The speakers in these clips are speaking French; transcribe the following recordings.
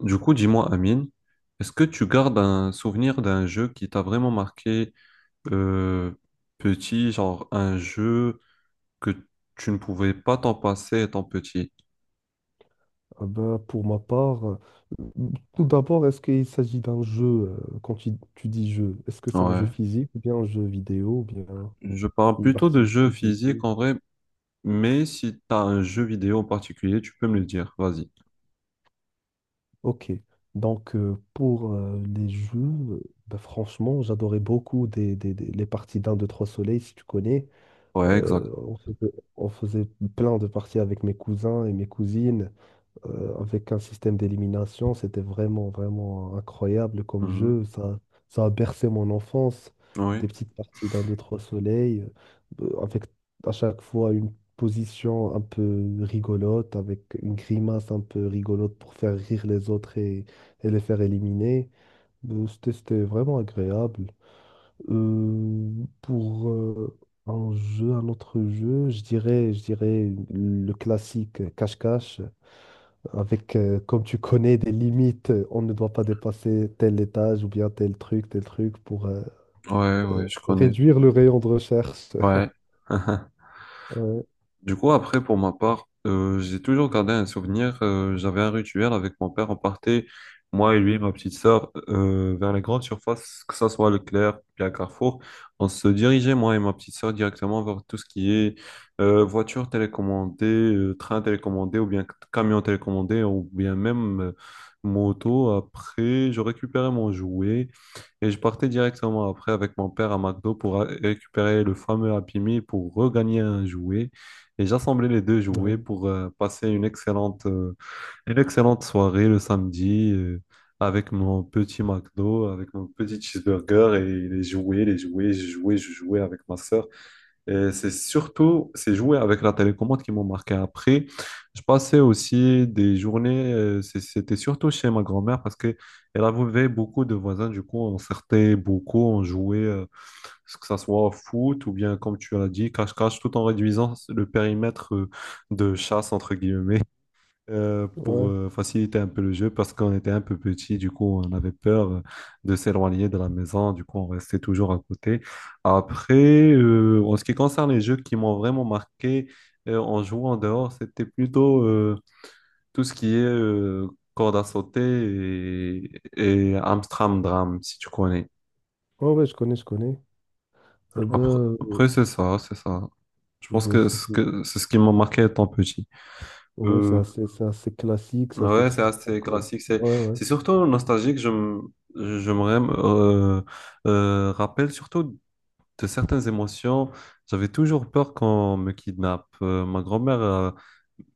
Du coup, dis-moi, Amine, est-ce que tu gardes un souvenir d'un jeu qui t'a vraiment marqué euh, petit, genre un jeu que tu ne pouvais pas t'en passer étant petit? Ah ben, pour ma part, tout d'abord, est-ce qu'il s'agit d'un jeu, quand tu dis jeu, est-ce que c'est un jeu Ouais. physique ou bien un jeu vidéo ou bien Je parle une plutôt de jeux activité physiques physique? en vrai, mais si t'as un jeu vidéo en particulier, tu peux me le dire, vas-y. Ok, donc pour les jeux, ben, franchement, j'adorais beaucoup les parties d'un, deux, trois soleils, si tu connais. Ouais, exact. On faisait plein de parties avec mes cousins et mes cousines. Avec un système d'élimination. C'était vraiment, vraiment incroyable comme Mhm. jeu. Ça a bercé mon enfance. Oui, Des petites parties d'un, deux, trois soleils, avec à chaque fois une position un peu rigolote, avec une grimace un peu rigolote pour faire rire les autres et les faire éliminer. C'était vraiment agréable. Euh, pour un jeu, un autre jeu, je dirais le classique cache-cache avec, comme tu connais, des limites, on ne doit pas dépasser tel étage ou bien tel truc pour ouais, ouais, je connais. réduire le rayon de recherche. Ouais. Ouais, Du coup, après, pour ma part, j'ai toujours gardé un souvenir. J'avais un rituel avec mon père. On partait, moi et lui, ma petite sœur, vers les grandes surfaces, que ça soit Leclerc, puis à Carrefour. On se dirigeait, moi et ma petite sœur, directement vers tout ce qui est voiture télécommandée, train télécommandé, ou bien camion télécommandé, ou bien même, moto. Après, je récupérais mon jouet. Et je partais directement après avec mon père à McDo pour récupérer le fameux Happy Meal pour regagner un jouet. Et j'assemblais les deux jouets ouais, pour passer une excellente soirée le samedi, avec mon petit McDo, avec mon petit cheeseburger et les jouets, je jouais avec ma sœur. Et c'est surtout ces jouets avec la télécommande qui m'ont marqué. Après, je passais aussi des journées, c'était surtout chez ma grand-mère parce qu'elle avait beaucoup de voisins. Du coup, on sortait beaucoup, on jouait, que ça soit au foot ou bien, comme tu l'as dit, cache-cache, tout en réduisant le périmètre de chasse, entre guillemets, pour ouais. Faciliter un peu le jeu parce qu'on était un peu petit, du coup on avait peur de s'éloigner de la maison, du coup on restait toujours à côté. Après, en ce qui concerne les jeux qui m'ont vraiment marqué en jouant dehors, c'était plutôt tout ce qui est corde à sauter et Amstramdram, si tu connais. Ouais, ouais, je connais, je connais. Ben, Après, euh, après, c'est ça, c'est ça. Je pense ben, que c'est ce qui m'a marqué étant petit. ouais, c'est Euh, assez, c'est assez classique, c'est assez Ouais, c'est trivial assez comme. classique. C'est, Ouais, ouais. c'est surtout nostalgique. Je me rappelle surtout de certaines émotions. J'avais toujours peur qu'on me kidnappe. Ma grand-mère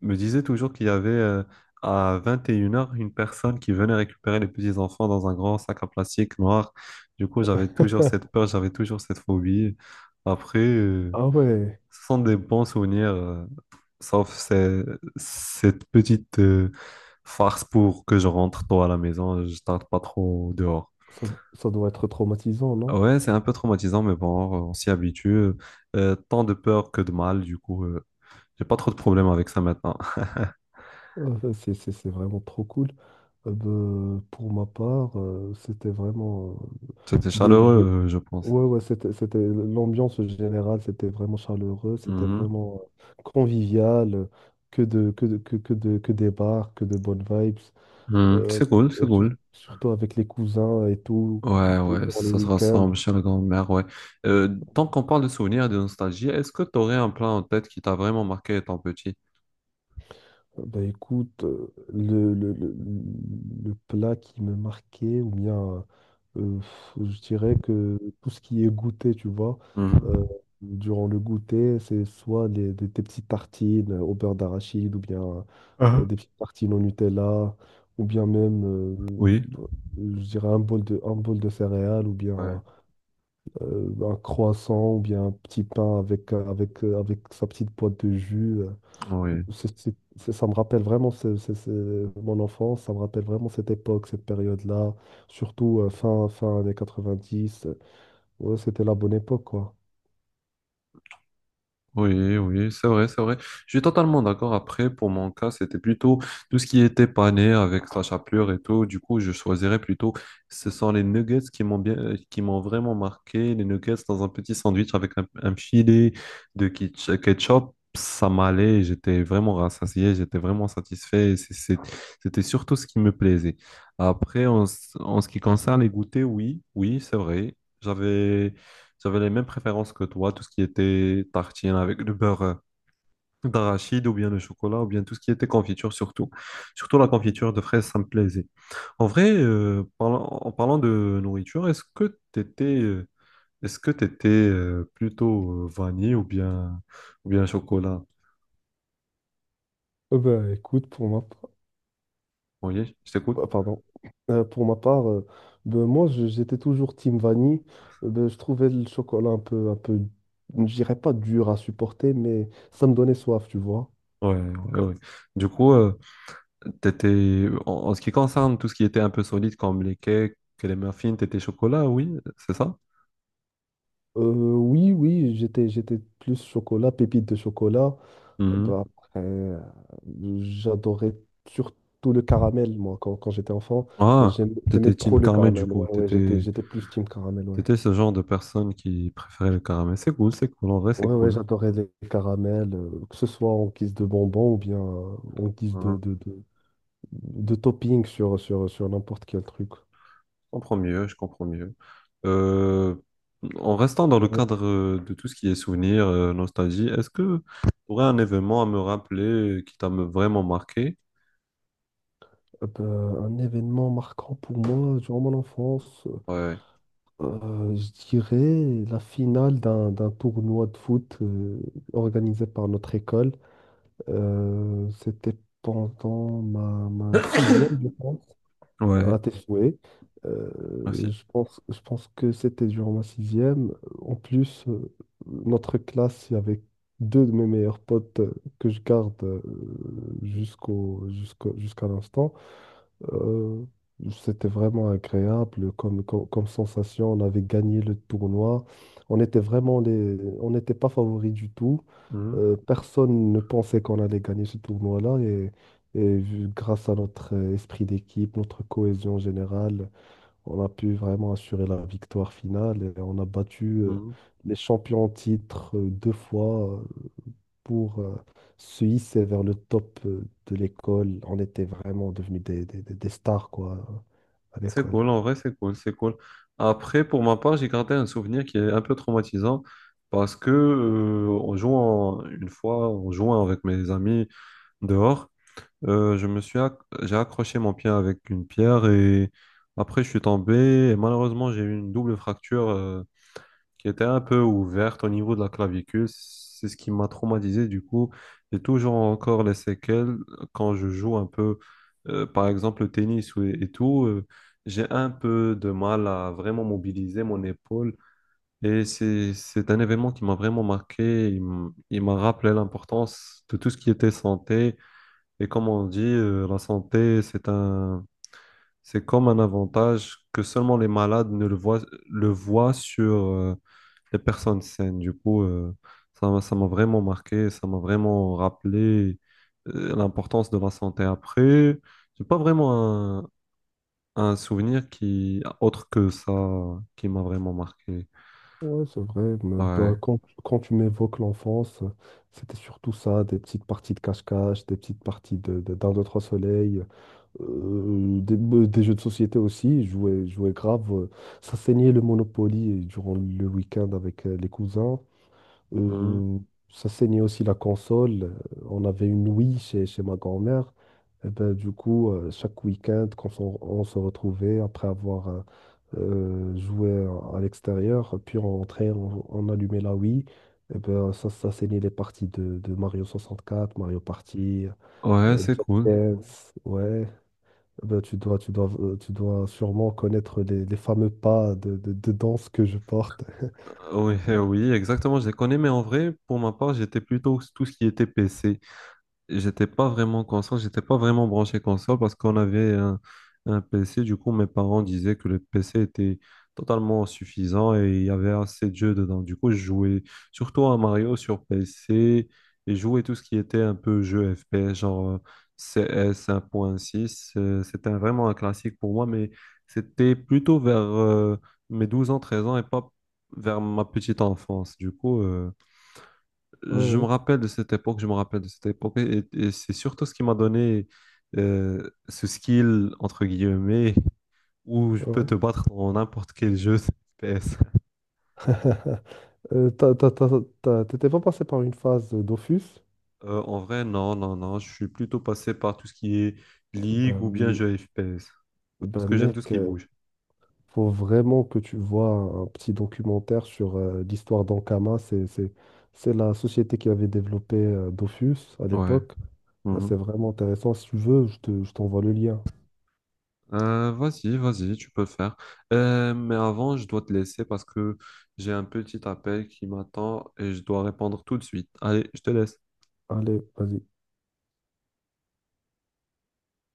me disait toujours qu'il y avait à 21h une heures une personne qui venait récupérer les petits-enfants dans un grand sac en plastique noir. Du coup, j'avais toujours cette peur, j'avais toujours cette phobie. Après, Ah ouais, ce sont des bons souvenirs. Sauf cette petite farce pour que je rentre tôt à la maison, je tarde pas trop dehors. ça, ça doit être traumatisant, non? Ouais, c'est un peu traumatisant, mais bon, on s'y habitue. Tant de peur que de mal, du coup, j'ai pas trop de problèmes avec ça maintenant. C'est vraiment trop cool. Ben, pour ma part, c'était vraiment euh, C'était des jeux. chaleureux, je pense. Ouais, ouais, c'était l'ambiance générale, c'était vraiment chaleureux, c'était Mhm. vraiment convivial, que des bars, que de bonnes vibes, Mhm. euh, C'est cool, et c'est cool. surtout avec les cousins et tout, Ouais, ouais, durant les ça se week-ends. ressemble chez la grand-mère, ouais. Tant qu'on parle de souvenirs et de nostalgie, est-ce que tu aurais un plat en tête qui t'a vraiment marqué étant petit? Bah écoute, le plat qui me marquait, ou bien je dirais que tout ce qui est goûter, tu vois, euh, Mhm. durant le goûter, c'est soit des petites tartines au beurre d'arachide, ou bien Ah. des petites tartines au Nutella, ou bien même, Oui. Je dirais, un bol de céréales, ou Ouais. bien un croissant, ou bien un petit pain avec sa petite boîte de jus. Oui. Ça me rappelle vraiment mon enfance, ça me rappelle vraiment cette époque, cette période-là, surtout fin années 90. Ouais, c'était la bonne époque, quoi. Oui, oui, c'est vrai, c'est vrai. Je suis totalement d'accord. Après, pour mon cas, c'était plutôt tout ce qui était pané avec sa chapelure et tout. Du coup, je choisirais plutôt, ce sont les nuggets qui m'ont vraiment marqué. Les nuggets dans un petit sandwich avec un filet de ketchup, ça m'allait. J'étais vraiment rassasié, j'étais vraiment satisfait. C'était surtout ce qui me plaisait. Après, en ce qui concerne les goûters, oui, oui, c'est vrai. J'avais les mêmes préférences que toi, tout ce qui était tartine avec le beurre d'arachide ou bien le chocolat ou bien tout ce qui était confiture surtout. Surtout la confiture de fraises, ça me plaisait. En vrai, en parlant de nourriture, est-ce que t'étais plutôt vanille ou bien chocolat? Ben, écoute, pour ma part, Oui, je t'écoute. Pardon. Pour ma part, ben, moi, j'étais toujours team vanille. Ben, je trouvais le chocolat un peu, je dirais pas dur à supporter, mais ça me donnait soif, tu vois. Ouais, ouais, ouais. Du coup, en ce qui concerne tout ce qui était un peu solide comme les cakes et les muffins, t'étais chocolat, oui, c'est ça? Euh, oui, oui, j'étais plus chocolat, pépite de chocolat. Mm-hmm. Bah, après, j'adorais surtout le caramel, moi, quand j'étais enfant. Ah, J'aimais t'étais trop team le Carmen du caramel. coup. Ouais, ouais, j'étais, T'étais, j'étais plus team caramel, ouais. t'étais ce genre de personne qui préférait le caramel. C'est cool, c'est cool. En vrai, c'est Ouais, ouais, cool. j'adorais les caramels, que ce soit en guise de bonbons ou bien en guise de, Ah, de, de, de topping sur n'importe quel truc. je comprends mieux, je comprends mieux. Euh, en restant dans le Ouais. cadre de tout ce qui est souvenirs, nostalgie, est-ce que tu aurais un événement à me rappeler qui vraiment marqué? Bah, un événement marquant pour moi durant mon enfance, Ouais. Je dirais la finale d'un tournoi de foot organisé par notre école. C'était pendant ma sixième, je pense, Ouais, à tes souhaits. Euh, merci. je pense que c'était durant ma sixième. En plus, notre classe, il y avait deux de mes meilleurs potes que je garde jusqu'à l'instant. Euh, C'était vraiment agréable comme sensation. On avait gagné le tournoi. On était vraiment les... On n'était pas favoris du tout. Mhm, Personne ne pensait qu'on allait gagner ce tournoi-là. Et grâce à notre esprit d'équipe, notre cohésion générale, on a pu vraiment assurer la victoire finale. Et on a battu mhm. les champions en titre deux fois pour se hisser vers le top de l'école. On était vraiment devenus des stars, quoi, à C'est l'école. cool, en vrai, c'est cool, c'est cool. Après, pour ma part, j'ai gardé un souvenir qui est un peu traumatisant parce que, une fois, en jouant avec mes amis dehors, je me suis acc- j'ai accroché mon pied avec une pierre et après, je suis tombé et malheureusement, j'ai eu une double fracture, qui était un peu ouverte au niveau de la clavicule. C'est ce qui m'a traumatisé. Du coup, j'ai toujours encore les séquelles quand je joue un peu, par exemple, le tennis et, tout. J'ai un peu de mal à vraiment mobiliser mon épaule. Et c'est un événement qui m'a vraiment marqué. Il m'a rappelé l'importance de tout ce qui était santé. Et comme on dit, la santé, c'est comme un avantage que seulement les malades ne le voient, le voient sur les personnes saines. Du coup, ça m'a vraiment marqué, ça m'a vraiment rappelé l'importance de la santé. Après, j'ai pas vraiment un souvenir qui, autre que ça, qui m'a vraiment marqué. Ouais, c'est vrai. Mais, Ouais. bah, quand tu m'évoques l'enfance, c'était surtout ça, des petites parties de cache-cache, des petites parties d'un deux, trois soleil, des jeux de société aussi. Je jouais grave. Ça saignait le Monopoly durant le week-end avec les cousins. Mhm. Euh, Ça saignait aussi la console. On avait une Wii chez ma grand-mère. Et ben, du coup, chaque week-end, quand on se retrouvait après avoir joué à l'extérieur, puis on rentrait, on allumait la Wii. Et ben, ça saignait les parties de Mario 64, Mario Party, Ouais, c'est Just cool. Dance. Ouais. Eh ben, tu dois sûrement connaître les fameux pas de danse que je porte. Oui, oui, exactement, je les connais, mais en vrai, pour ma part, j'étais plutôt tout ce qui était PC. J'étais pas vraiment console, j'étais pas vraiment branché console parce qu'on avait un PC. Du coup, mes parents disaient que le PC était totalement suffisant et il y avait assez de jeux dedans. Du coup, je jouais surtout à Mario sur PC et je jouais tout ce qui était un peu jeu FPS, genre CS 1.6. C'était vraiment un classique pour moi, mais c'était plutôt vers mes 12 ans, 13 ans et pas vers ma petite enfance. Du coup, je me Ouais, rappelle de cette époque, je me rappelle de cette époque, et c'est surtout ce qui m'a donné ce skill, entre guillemets, où je peux ouais, te battre dans n'importe quel jeu FPS. ouais. Euh, t'as- t'as- t'as- T'étais pas passé par une phase d'Office? En vrai, non, non, non, je suis plutôt passé par tout ce qui est ligue ou bien Ben, jeu FPS, parce ben que j'aime tout ce mec, qui bouge. faut vraiment que tu vois un petit documentaire sur l'histoire d'Ankama. C'est la société qui avait développé Dofus à Ouais. l'époque. Ben, Mhm. c'est vraiment intéressant. Si tu veux, je t'envoie le lien. Vas-y, vas-y, tu peux le faire. Mais avant, je dois te laisser parce que j'ai un petit appel qui m'attend et je dois répondre tout de suite. Allez, je te laisse. Allez, vas-y.